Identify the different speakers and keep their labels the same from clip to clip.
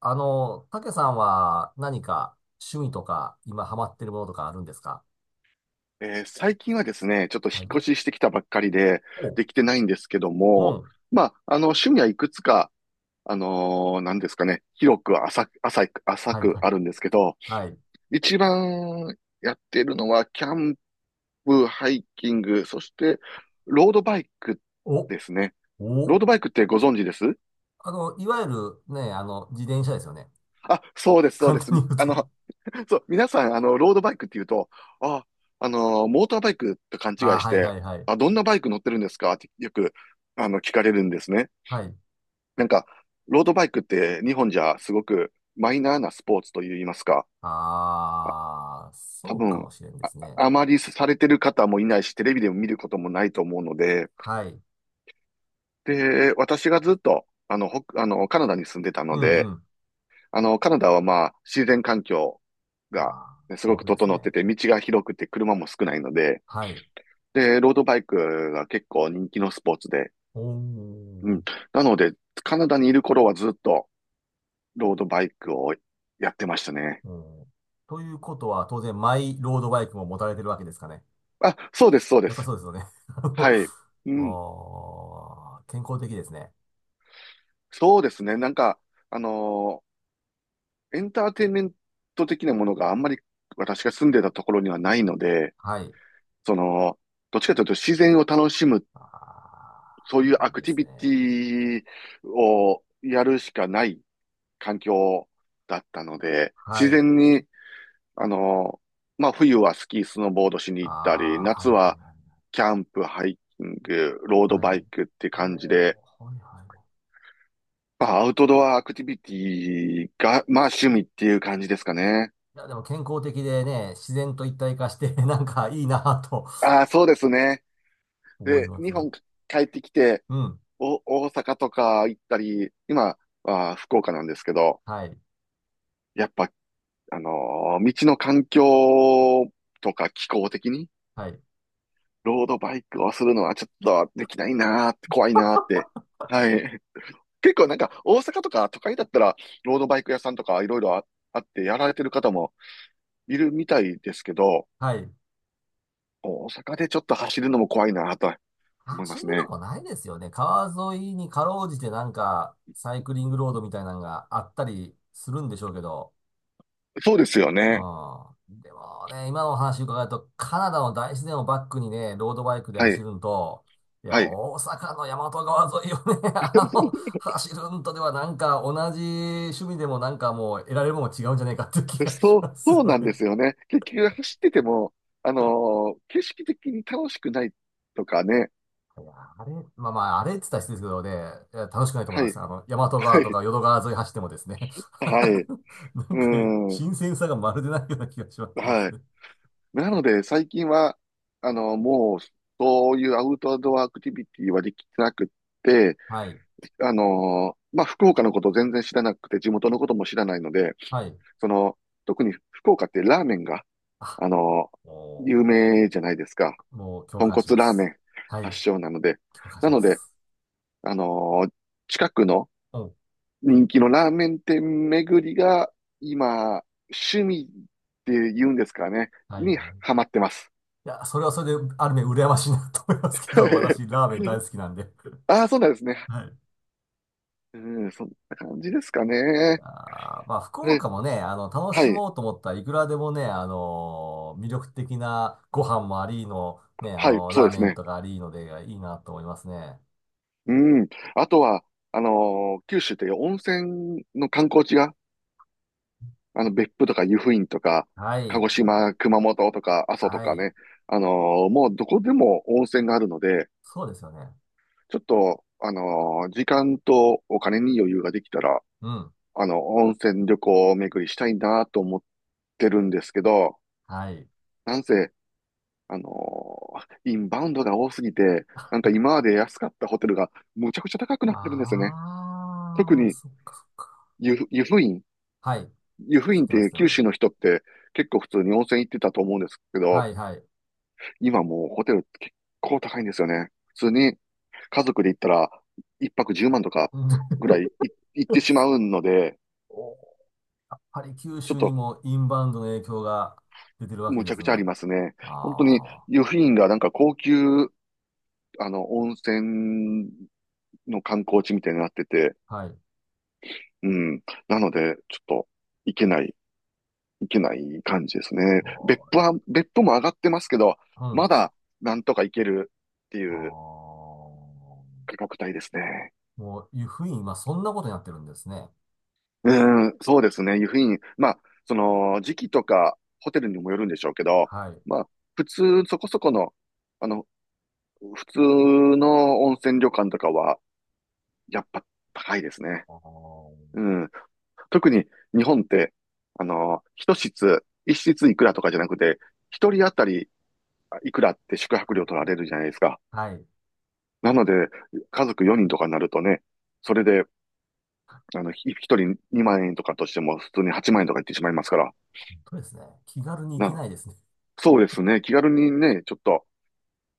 Speaker 1: たけさんは何か趣味とか今ハマってるものとかあるんですか？
Speaker 2: 最近はですね、ちょっと引っ
Speaker 1: はい。
Speaker 2: 越ししてきたばっかりで、
Speaker 1: お。
Speaker 2: できてないんですけど
Speaker 1: う
Speaker 2: も、
Speaker 1: ん。
Speaker 2: まあ、あの、趣味はいくつか、なんですかね、広く浅く、
Speaker 1: はいはい。
Speaker 2: あるんですけど、
Speaker 1: はい。
Speaker 2: 一番やってるのは、キャンプ、ハイキング、そして、ロードバイク
Speaker 1: お。
Speaker 2: ですね。ロ
Speaker 1: お。
Speaker 2: ードバイクってご存知です、
Speaker 1: いわゆるね、自転車ですよね。
Speaker 2: そうで す、そう
Speaker 1: 簡
Speaker 2: で
Speaker 1: 単
Speaker 2: す。
Speaker 1: に言う
Speaker 2: あ
Speaker 1: と。
Speaker 2: の、そう、皆さん、あの、ロードバイクって言うと、あ、モーターバイクと勘違
Speaker 1: あ
Speaker 2: い
Speaker 1: あ、
Speaker 2: し
Speaker 1: はいは
Speaker 2: て、
Speaker 1: いはい。
Speaker 2: あ、どんなバイク乗ってるんですかってよく、あの、聞かれるんですね。
Speaker 1: はい。
Speaker 2: なんか、ロードバイクって日本じゃすごくマイナーなスポーツと言いますか、あ
Speaker 1: ああ、
Speaker 2: 多
Speaker 1: そうか
Speaker 2: 分、
Speaker 1: もしれんで
Speaker 2: あ、
Speaker 1: すね。
Speaker 2: あまりされてる方もいないし、テレビでも見ることもないと思うので、
Speaker 1: はい。
Speaker 2: で、私がずっと、あの、カナダに住んでた
Speaker 1: う
Speaker 2: の
Speaker 1: んう
Speaker 2: で、
Speaker 1: ん。
Speaker 2: あの、カナダはまあ、自然環境が
Speaker 1: あ
Speaker 2: ね、す
Speaker 1: あ、
Speaker 2: ご
Speaker 1: 豊
Speaker 2: く
Speaker 1: 富です
Speaker 2: 整って
Speaker 1: ね。
Speaker 2: て、道が広くて車も少ないので、
Speaker 1: はい。
Speaker 2: で、ロードバイクが結構人気のスポーツで、
Speaker 1: お
Speaker 2: うん。
Speaker 1: ー。
Speaker 2: なので、カナダにいる頃はずっとロードバイクをやってましたね。
Speaker 1: おー、ということは、当然、マイロードバイクも持たれてるわけですかね。
Speaker 2: あ、そうです、そうで
Speaker 1: やっぱ
Speaker 2: す。
Speaker 1: そうですよね。
Speaker 2: は
Speaker 1: あの
Speaker 2: い。うん。
Speaker 1: おー、健康的ですね。
Speaker 2: そうですね。なんか、あのエンターテインメント的なものがあんまり私が住んでたところにはないので、
Speaker 1: はい。
Speaker 2: その、どっちかというと自然を楽しむ、そ
Speaker 1: あ
Speaker 2: ういう
Speaker 1: ー、
Speaker 2: ア
Speaker 1: いい
Speaker 2: ク
Speaker 1: で
Speaker 2: ティ
Speaker 1: す
Speaker 2: ビ
Speaker 1: ね。
Speaker 2: ティをやるしかない環境だったので、
Speaker 1: は
Speaker 2: 自
Speaker 1: い。
Speaker 2: 然にあの、まあ、冬はスキー、スノーボードしに行ったり、
Speaker 1: あー、は
Speaker 2: 夏
Speaker 1: いは
Speaker 2: は
Speaker 1: い
Speaker 2: キャンプ、ハイキング、ロード
Speaker 1: はい。は
Speaker 2: バ
Speaker 1: い。
Speaker 2: イクって
Speaker 1: お
Speaker 2: 感じで、
Speaker 1: ー、はいはい。
Speaker 2: まあ、アウトドアアクティビティが、まあ、趣味っていう感じですかね。
Speaker 1: いや、でも健康的でね、自然と一体化して、なんかいいなぁと
Speaker 2: ああ、そうですね。
Speaker 1: 思い
Speaker 2: で、
Speaker 1: ま
Speaker 2: 日
Speaker 1: す。
Speaker 2: 本帰ってきて、
Speaker 1: うん。
Speaker 2: お、大阪とか行ったり、今は福岡なんですけど、
Speaker 1: はい。
Speaker 2: やっぱ、道の環境とか気候的に、
Speaker 1: はい。
Speaker 2: ロードバイクをするのはちょっとできないなーって、怖いなーって。はい。結構なんか大阪とか都会だったらロードバイク屋さんとかいろいろあってやられてる方もいるみたいですけど、
Speaker 1: はい。
Speaker 2: 大阪でちょっと走るのも怖いなと思いま
Speaker 1: 走る
Speaker 2: す
Speaker 1: と
Speaker 2: ね。
Speaker 1: こないですよね。川沿いにかろうじてなんか、サイクリングロードみたいなのがあったりするんでしょうけど。
Speaker 2: そうですよね。
Speaker 1: ああ、でもね、今のお話伺うと、カナダの大自然をバックにね、ロードバイクで
Speaker 2: は
Speaker 1: 走
Speaker 2: い。
Speaker 1: るんと、いや、
Speaker 2: はい。
Speaker 1: 大阪の大和川沿いをね、走るんとではなんか同じ趣味でもなんかもう得られるものが違うんじゃないかっていう気がし
Speaker 2: そう、
Speaker 1: ます
Speaker 2: そう
Speaker 1: よ
Speaker 2: なんで
Speaker 1: ね。
Speaker 2: すよね。結局走ってても、景色的に楽しくないとかね。
Speaker 1: いや、あれ、まあまあ、あれって言ったら失礼ですけどね、いや楽しくないと思い
Speaker 2: は
Speaker 1: ます。
Speaker 2: い。
Speaker 1: 大和
Speaker 2: は
Speaker 1: 川と
Speaker 2: い。
Speaker 1: か淀川沿い走ってもですね、
Speaker 2: はい。
Speaker 1: なん
Speaker 2: う
Speaker 1: か
Speaker 2: ん。
Speaker 1: 新鮮さがまるでないような気がしますです
Speaker 2: はい。
Speaker 1: ね。
Speaker 2: なので最近は、もうそういうアウトドアアクティビティはできてなくって、
Speaker 1: はい。
Speaker 2: まあ、福岡のことを全然知らなくて、地元のことも知らないので、
Speaker 1: はい。
Speaker 2: その、特に福岡ってラーメンが、
Speaker 1: あ。
Speaker 2: あのー
Speaker 1: お
Speaker 2: 有
Speaker 1: ー、
Speaker 2: 名じゃないですか。
Speaker 1: もう共
Speaker 2: 豚
Speaker 1: 感し
Speaker 2: 骨
Speaker 1: ま
Speaker 2: ラーメ
Speaker 1: す。
Speaker 2: ン
Speaker 1: はい。
Speaker 2: 発祥なので。
Speaker 1: 共感し
Speaker 2: な
Speaker 1: ま
Speaker 2: ので、
Speaker 1: す。
Speaker 2: あのー近くの
Speaker 1: うん。
Speaker 2: 人気のラーメン店巡りが、今、趣味って言うんですかね、
Speaker 1: はい
Speaker 2: に
Speaker 1: は
Speaker 2: ハ
Speaker 1: い。
Speaker 2: マってます。
Speaker 1: いや、それはそれで、ある面羨ましいなと思いますけど、私、ラーメン大好きなんで。
Speaker 2: ああ、そうなんですね。
Speaker 1: はい。
Speaker 2: うん、そんな感じですか
Speaker 1: い
Speaker 2: ね。
Speaker 1: やーまあ、福
Speaker 2: え
Speaker 1: 岡もね、楽
Speaker 2: は
Speaker 1: し
Speaker 2: い、
Speaker 1: もうと思ったらいくらでもね、魅力的なご飯もありの、ね、
Speaker 2: はい、そう
Speaker 1: ラー
Speaker 2: です
Speaker 1: メン
Speaker 2: ね。
Speaker 1: とかありので、いいなと思いますね。
Speaker 2: うん。あとは、九州って温泉の観光地が、あの、別府とか湯布院とか、
Speaker 1: は
Speaker 2: 鹿
Speaker 1: い、
Speaker 2: 児
Speaker 1: はい、
Speaker 2: 島、熊本とか、阿蘇と
Speaker 1: は
Speaker 2: か
Speaker 1: い。
Speaker 2: ね、もうどこでも温泉があるので、
Speaker 1: そうですよね。
Speaker 2: ちょっと、時間とお金に余裕ができたら、
Speaker 1: うん。
Speaker 2: あの、温泉旅行巡りしたいなと思ってるんですけど、
Speaker 1: はい。
Speaker 2: なんせ、あのーインバウンドが多すぎて、なんか今まで安かったホテルがむちゃくちゃ高くなってるんですよね。特
Speaker 1: あー、
Speaker 2: に
Speaker 1: そっかそっか。
Speaker 2: 湯布院
Speaker 1: はい。
Speaker 2: 湯布
Speaker 1: 知
Speaker 2: 院っ
Speaker 1: ってます、知
Speaker 2: て
Speaker 1: って
Speaker 2: 九
Speaker 1: ま
Speaker 2: 州の
Speaker 1: す。
Speaker 2: 人って結構普通に温泉行ってたと思うんですけ
Speaker 1: は
Speaker 2: ど、
Speaker 1: い、はい。
Speaker 2: 今もうホテル結構高いんですよね。普通に家族で行ったら一泊10万とか
Speaker 1: うん。
Speaker 2: ぐらい行ってしまうので、
Speaker 1: お、やっぱり九
Speaker 2: ちょっ
Speaker 1: 州に
Speaker 2: と
Speaker 1: もインバウンドの影響が出てるわけ
Speaker 2: む
Speaker 1: で
Speaker 2: ちゃ
Speaker 1: す
Speaker 2: くちゃあ
Speaker 1: が。
Speaker 2: りますね。本当に
Speaker 1: あ
Speaker 2: 湯布院がなんか高級、あの、温泉の観光地みたいになってて、
Speaker 1: あ、はい。
Speaker 2: うん。なので、ちょっと行けない、行けない感じですね。別
Speaker 1: お、
Speaker 2: 府は、別府も上がってますけど、
Speaker 1: う
Speaker 2: ま
Speaker 1: ん。
Speaker 2: だなんとか行けるって
Speaker 1: あ
Speaker 2: いう
Speaker 1: あ、
Speaker 2: 価格帯ですね。
Speaker 1: もういうふうに今そんなことになってるんですね。
Speaker 2: うん、そうですね。湯布院。まあ、その、時期とか、ホテルにもよるんでしょうけど、
Speaker 1: はい。
Speaker 2: まあ、普通、そこそこの、あの、普通の温泉旅館とかは、やっぱ高いですね。
Speaker 1: あー、
Speaker 2: うん。特に、日本って、あの、一室いくらとかじゃなくて、一人当たりいくらって宿泊
Speaker 1: は
Speaker 2: 料取ら
Speaker 1: い
Speaker 2: れるじゃないですか。
Speaker 1: はい。
Speaker 2: なので、家族4人とかになるとね、それで、あの、一人2万円とかとしても、普通に8万円とかいってしまいますから、
Speaker 1: とですね。気軽に行け
Speaker 2: な、
Speaker 1: ないですね。
Speaker 2: そうですね。気軽にね、ちょっと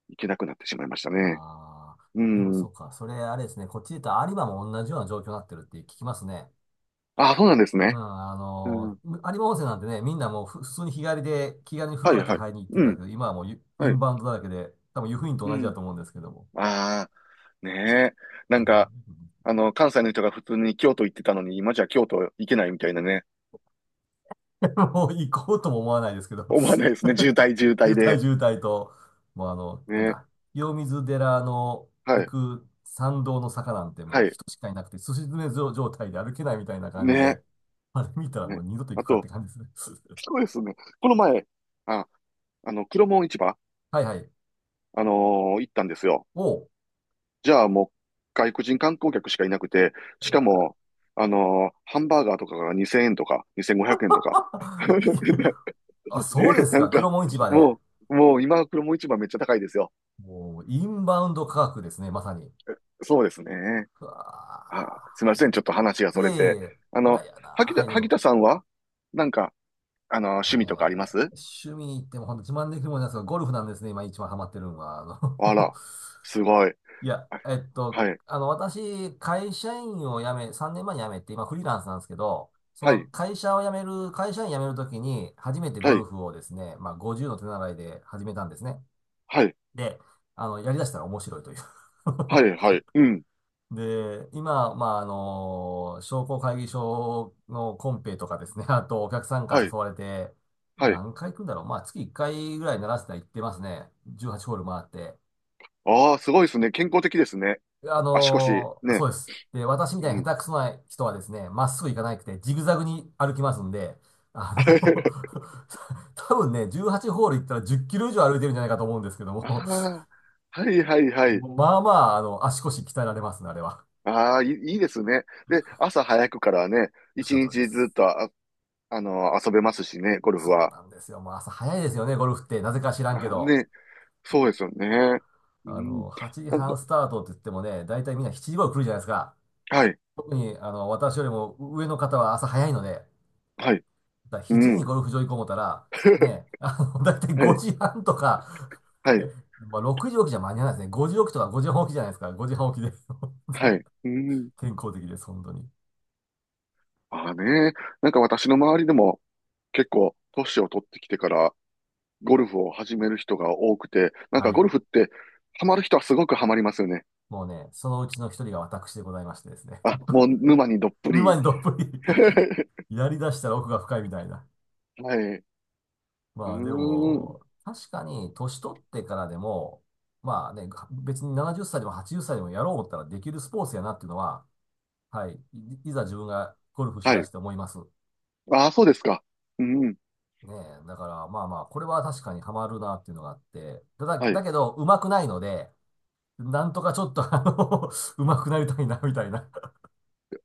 Speaker 2: 行けなくなってしまいましたね。
Speaker 1: あ
Speaker 2: う
Speaker 1: あ、でもそ
Speaker 2: ん。
Speaker 1: うか。それあれですね。こっちで言ったら有馬も同じような状況になってるって聞きますね。
Speaker 2: あ、そうなんです
Speaker 1: うん、
Speaker 2: ね。うん。
Speaker 1: 有馬温泉なんてね、みんなもうふ普通に日帰りで気軽に風
Speaker 2: は
Speaker 1: 呂
Speaker 2: い
Speaker 1: だけ
Speaker 2: はい。
Speaker 1: 入りに行って
Speaker 2: う
Speaker 1: たけ
Speaker 2: ん。
Speaker 1: ど、今はもうイイ
Speaker 2: は
Speaker 1: ン
Speaker 2: い。
Speaker 1: バウンドだらけで、多分湯布院と
Speaker 2: う
Speaker 1: 同じだと
Speaker 2: ん。
Speaker 1: 思うんですけども。
Speaker 2: ああ、ねえ。なんか、
Speaker 1: も
Speaker 2: あの、関西の人が普通に京都行ってたのに、今じゃ京都行けないみたいなね。
Speaker 1: う、もう行こうとも思わないですけど。
Speaker 2: 思わないですね。渋滞渋
Speaker 1: 渋
Speaker 2: 滞
Speaker 1: 滞
Speaker 2: で。
Speaker 1: 渋滞と、もうあの、
Speaker 2: ね
Speaker 1: なんだ、
Speaker 2: え。
Speaker 1: 清水寺の
Speaker 2: は
Speaker 1: 行
Speaker 2: い。
Speaker 1: く参道の坂なんても
Speaker 2: は
Speaker 1: う
Speaker 2: い。
Speaker 1: 人しかいなくて、すし詰め状態で歩けないみたいな感じ
Speaker 2: ね
Speaker 1: で、あれ見た
Speaker 2: え。
Speaker 1: らもう
Speaker 2: ね。
Speaker 1: 二度と行
Speaker 2: あ
Speaker 1: くかって
Speaker 2: と、
Speaker 1: 感じですね。
Speaker 2: そ うですね。この前、あ、あの、黒門市場、
Speaker 1: はいはい。
Speaker 2: 行ったんですよ。
Speaker 1: おう。
Speaker 2: じゃあもう外国人観光客しかいなくて、し
Speaker 1: う
Speaker 2: か
Speaker 1: わ。
Speaker 2: も、ハンバーガーとかが2000円とか、2500円とか。
Speaker 1: いい。あ、そうです
Speaker 2: なん
Speaker 1: か。
Speaker 2: か、
Speaker 1: 黒門市場で。
Speaker 2: ももう今、黒も市場めっちゃ高いですよ。
Speaker 1: もう、インバウンド価格ですね、まさに。
Speaker 2: そうですね。
Speaker 1: うわ
Speaker 2: あ、すみません。ちょっと話が
Speaker 1: ー、い
Speaker 2: そ
Speaker 1: や
Speaker 2: れ
Speaker 1: いやいや、
Speaker 2: て。
Speaker 1: い
Speaker 2: あ
Speaker 1: や
Speaker 2: の、
Speaker 1: いやなー。はい、どう
Speaker 2: 萩田
Speaker 1: ぞ。
Speaker 2: さんは、なんか、あの、
Speaker 1: もう
Speaker 2: 趣
Speaker 1: ね、
Speaker 2: 味とかあります
Speaker 1: 趣味に行っても本当自慢できるもんなんですが、ゴルフなんですね、今一番ハマってるのは。
Speaker 2: あら、すごい。
Speaker 1: いや、
Speaker 2: あ
Speaker 1: えっと、
Speaker 2: はい、
Speaker 1: 私、会社員を辞め、3年前に辞めて、今フリーランスなんですけど、そ
Speaker 2: は
Speaker 1: の
Speaker 2: い、
Speaker 1: 会社を辞める、会社員辞めるときに、初めてゴ
Speaker 2: は
Speaker 1: ル
Speaker 2: い、
Speaker 1: フをですね、まあ50の手習いで始めたんですね。
Speaker 2: はい、
Speaker 1: で、やりだしたら面白いという。
Speaker 2: は い、はい、うん、
Speaker 1: で、今、まあ、商工会議所のコンペとかですね、あとお客さんか
Speaker 2: は
Speaker 1: ら
Speaker 2: い、
Speaker 1: 誘われて、
Speaker 2: はい。
Speaker 1: 何回行くんだろう。まあ、月1回ぐらいならせたら行ってますね。18ホール回って。
Speaker 2: ああ、すごいですね。健康的ですね。足腰、
Speaker 1: そ
Speaker 2: ね。
Speaker 1: うです。で、私み
Speaker 2: う
Speaker 1: たいに
Speaker 2: ん。
Speaker 1: 下手くそな人はですね、まっすぐ行かなくて、ジグザグに歩きますんで、あの 多分ね、18ホール行ったら10キロ以上歩いてるんじゃないかと思うんですけども、
Speaker 2: ああ、はいはいはい。
Speaker 1: まあまあ、足腰鍛えられますね、あれは。
Speaker 2: ああ、いい、いいですね。で、朝早くからね、
Speaker 1: おっし
Speaker 2: 一
Speaker 1: ゃる通りで
Speaker 2: 日ずっ
Speaker 1: す。
Speaker 2: とあ、あの、遊べますしね、ゴルフ
Speaker 1: そう
Speaker 2: は。
Speaker 1: なんですよ。もう朝早いですよね、ゴルフって。なぜか知らんけ
Speaker 2: あ、
Speaker 1: ど。
Speaker 2: ね、そうですよね。うん。
Speaker 1: 8
Speaker 2: なん
Speaker 1: 時
Speaker 2: か、
Speaker 1: 半スタートって言ってもね、大体みんな7時頃来るじゃないですか。
Speaker 2: はい、
Speaker 1: 特に、私よりも上の方は朝早いので、
Speaker 2: はい、
Speaker 1: だから
Speaker 2: う
Speaker 1: 7時に
Speaker 2: ん。
Speaker 1: ゴルフ場行こう思ったら、ね、大体
Speaker 2: はい、
Speaker 1: 5時半とか、
Speaker 2: は
Speaker 1: え
Speaker 2: い、
Speaker 1: まあ、6時起きじゃ間に合わないですね。5時起きとか5時半起きじゃないですか。5時半起きで。
Speaker 2: はい、うん。
Speaker 1: 健康的です、本当に。
Speaker 2: ああね、なんか私の周りでも結構、年を取ってきてから、ゴルフを始める人が多くて、なんか
Speaker 1: は
Speaker 2: ゴ
Speaker 1: い。
Speaker 2: ルフって、ハマる人はすごくハマりますよね。
Speaker 1: もうね、そのうちの一人が私でございましてですね。
Speaker 2: あ、もう沼にどっ ぷ
Speaker 1: 沼
Speaker 2: り。
Speaker 1: にどっぷり。 やり出したら奥が深いみたいな。
Speaker 2: はい。うー
Speaker 1: まあで
Speaker 2: ん。
Speaker 1: も、確かに年取ってからでも、まあね、別に70歳でも80歳でもやろう思ったらできるスポーツやなっていうのは、はい、いざ自分がゴルフし
Speaker 2: は
Speaker 1: だ
Speaker 2: い。
Speaker 1: して思います。
Speaker 2: ああ、そうですか。うん。
Speaker 1: ねえ、だからまあまあ、これは確かにハマるなっていうのがあって、ただ、
Speaker 2: は
Speaker 1: だ
Speaker 2: い。
Speaker 1: けど、上手くないので、なんとかちょっと、上手くなりたいな、みたいな。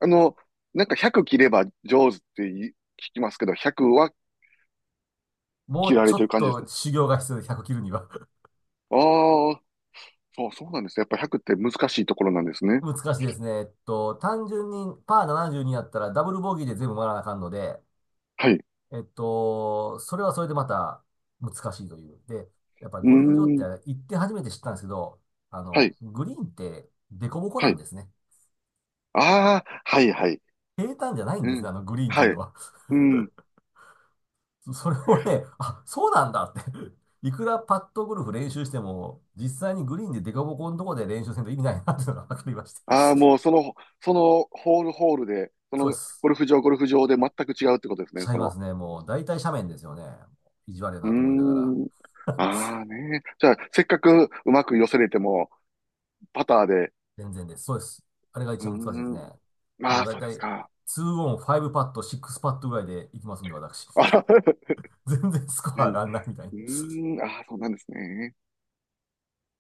Speaker 2: あの、なんか100切れば上手ってい聞きますけど、100は
Speaker 1: も
Speaker 2: 切
Speaker 1: う
Speaker 2: ら
Speaker 1: ちょ
Speaker 2: れてる
Speaker 1: っ
Speaker 2: 感じです
Speaker 1: と
Speaker 2: ね。
Speaker 1: 修行が必要で、100切るには。
Speaker 2: ああ、そうなんですね。やっぱ100って難しいところなんです ね。
Speaker 1: 難しいですね。えっと、単純にパー72やったらダブルボギーで全部回らなあかんので、
Speaker 2: はい。う
Speaker 1: えっと、それはそれでまた難しいという。で、やっぱり
Speaker 2: ー
Speaker 1: ゴルフ場って
Speaker 2: ん。
Speaker 1: 行って初めて知ったんですけど、
Speaker 2: はい。
Speaker 1: グリーンって凸凹
Speaker 2: は
Speaker 1: なん
Speaker 2: い。
Speaker 1: ですね。
Speaker 2: ああ、はい、はい。
Speaker 1: 平坦じゃないん
Speaker 2: う
Speaker 1: ですね、
Speaker 2: ん。
Speaker 1: あのグリーンってい
Speaker 2: は
Speaker 1: うの
Speaker 2: い。
Speaker 1: は。
Speaker 2: うん。
Speaker 1: それをね、あ、そうなんだって。 いくらパットゴルフ練習しても、実際にグリーンで凸凹のところで練習せんと意味ないなっていうのが分かりまして。
Speaker 2: ああ、もう その、そのホールホールで、
Speaker 1: そうです。
Speaker 2: ゴルフ場で全く違うってことです
Speaker 1: ち
Speaker 2: ね。
Speaker 1: ゃ
Speaker 2: そ
Speaker 1: いま
Speaker 2: の
Speaker 1: すね。もう大体斜面ですよね。意地悪い
Speaker 2: うー
Speaker 1: なと思いながら。
Speaker 2: ん。ああね。じゃあ、せっかくうまく寄せれても、パターで。
Speaker 1: 全然です。そうです。あれが一
Speaker 2: うー
Speaker 1: 番難しいです
Speaker 2: ん。
Speaker 1: ね。も
Speaker 2: ま
Speaker 1: う
Speaker 2: あ、
Speaker 1: だい
Speaker 2: そうで
Speaker 1: たい
Speaker 2: す
Speaker 1: 2
Speaker 2: か。
Speaker 1: オン、5パット、6パットぐらいでいきますんで、私。
Speaker 2: あ、
Speaker 1: 全然スコ
Speaker 2: は
Speaker 1: ア上
Speaker 2: い。う
Speaker 1: がんないみたいな。
Speaker 2: ーん。ああ、そうなんですね。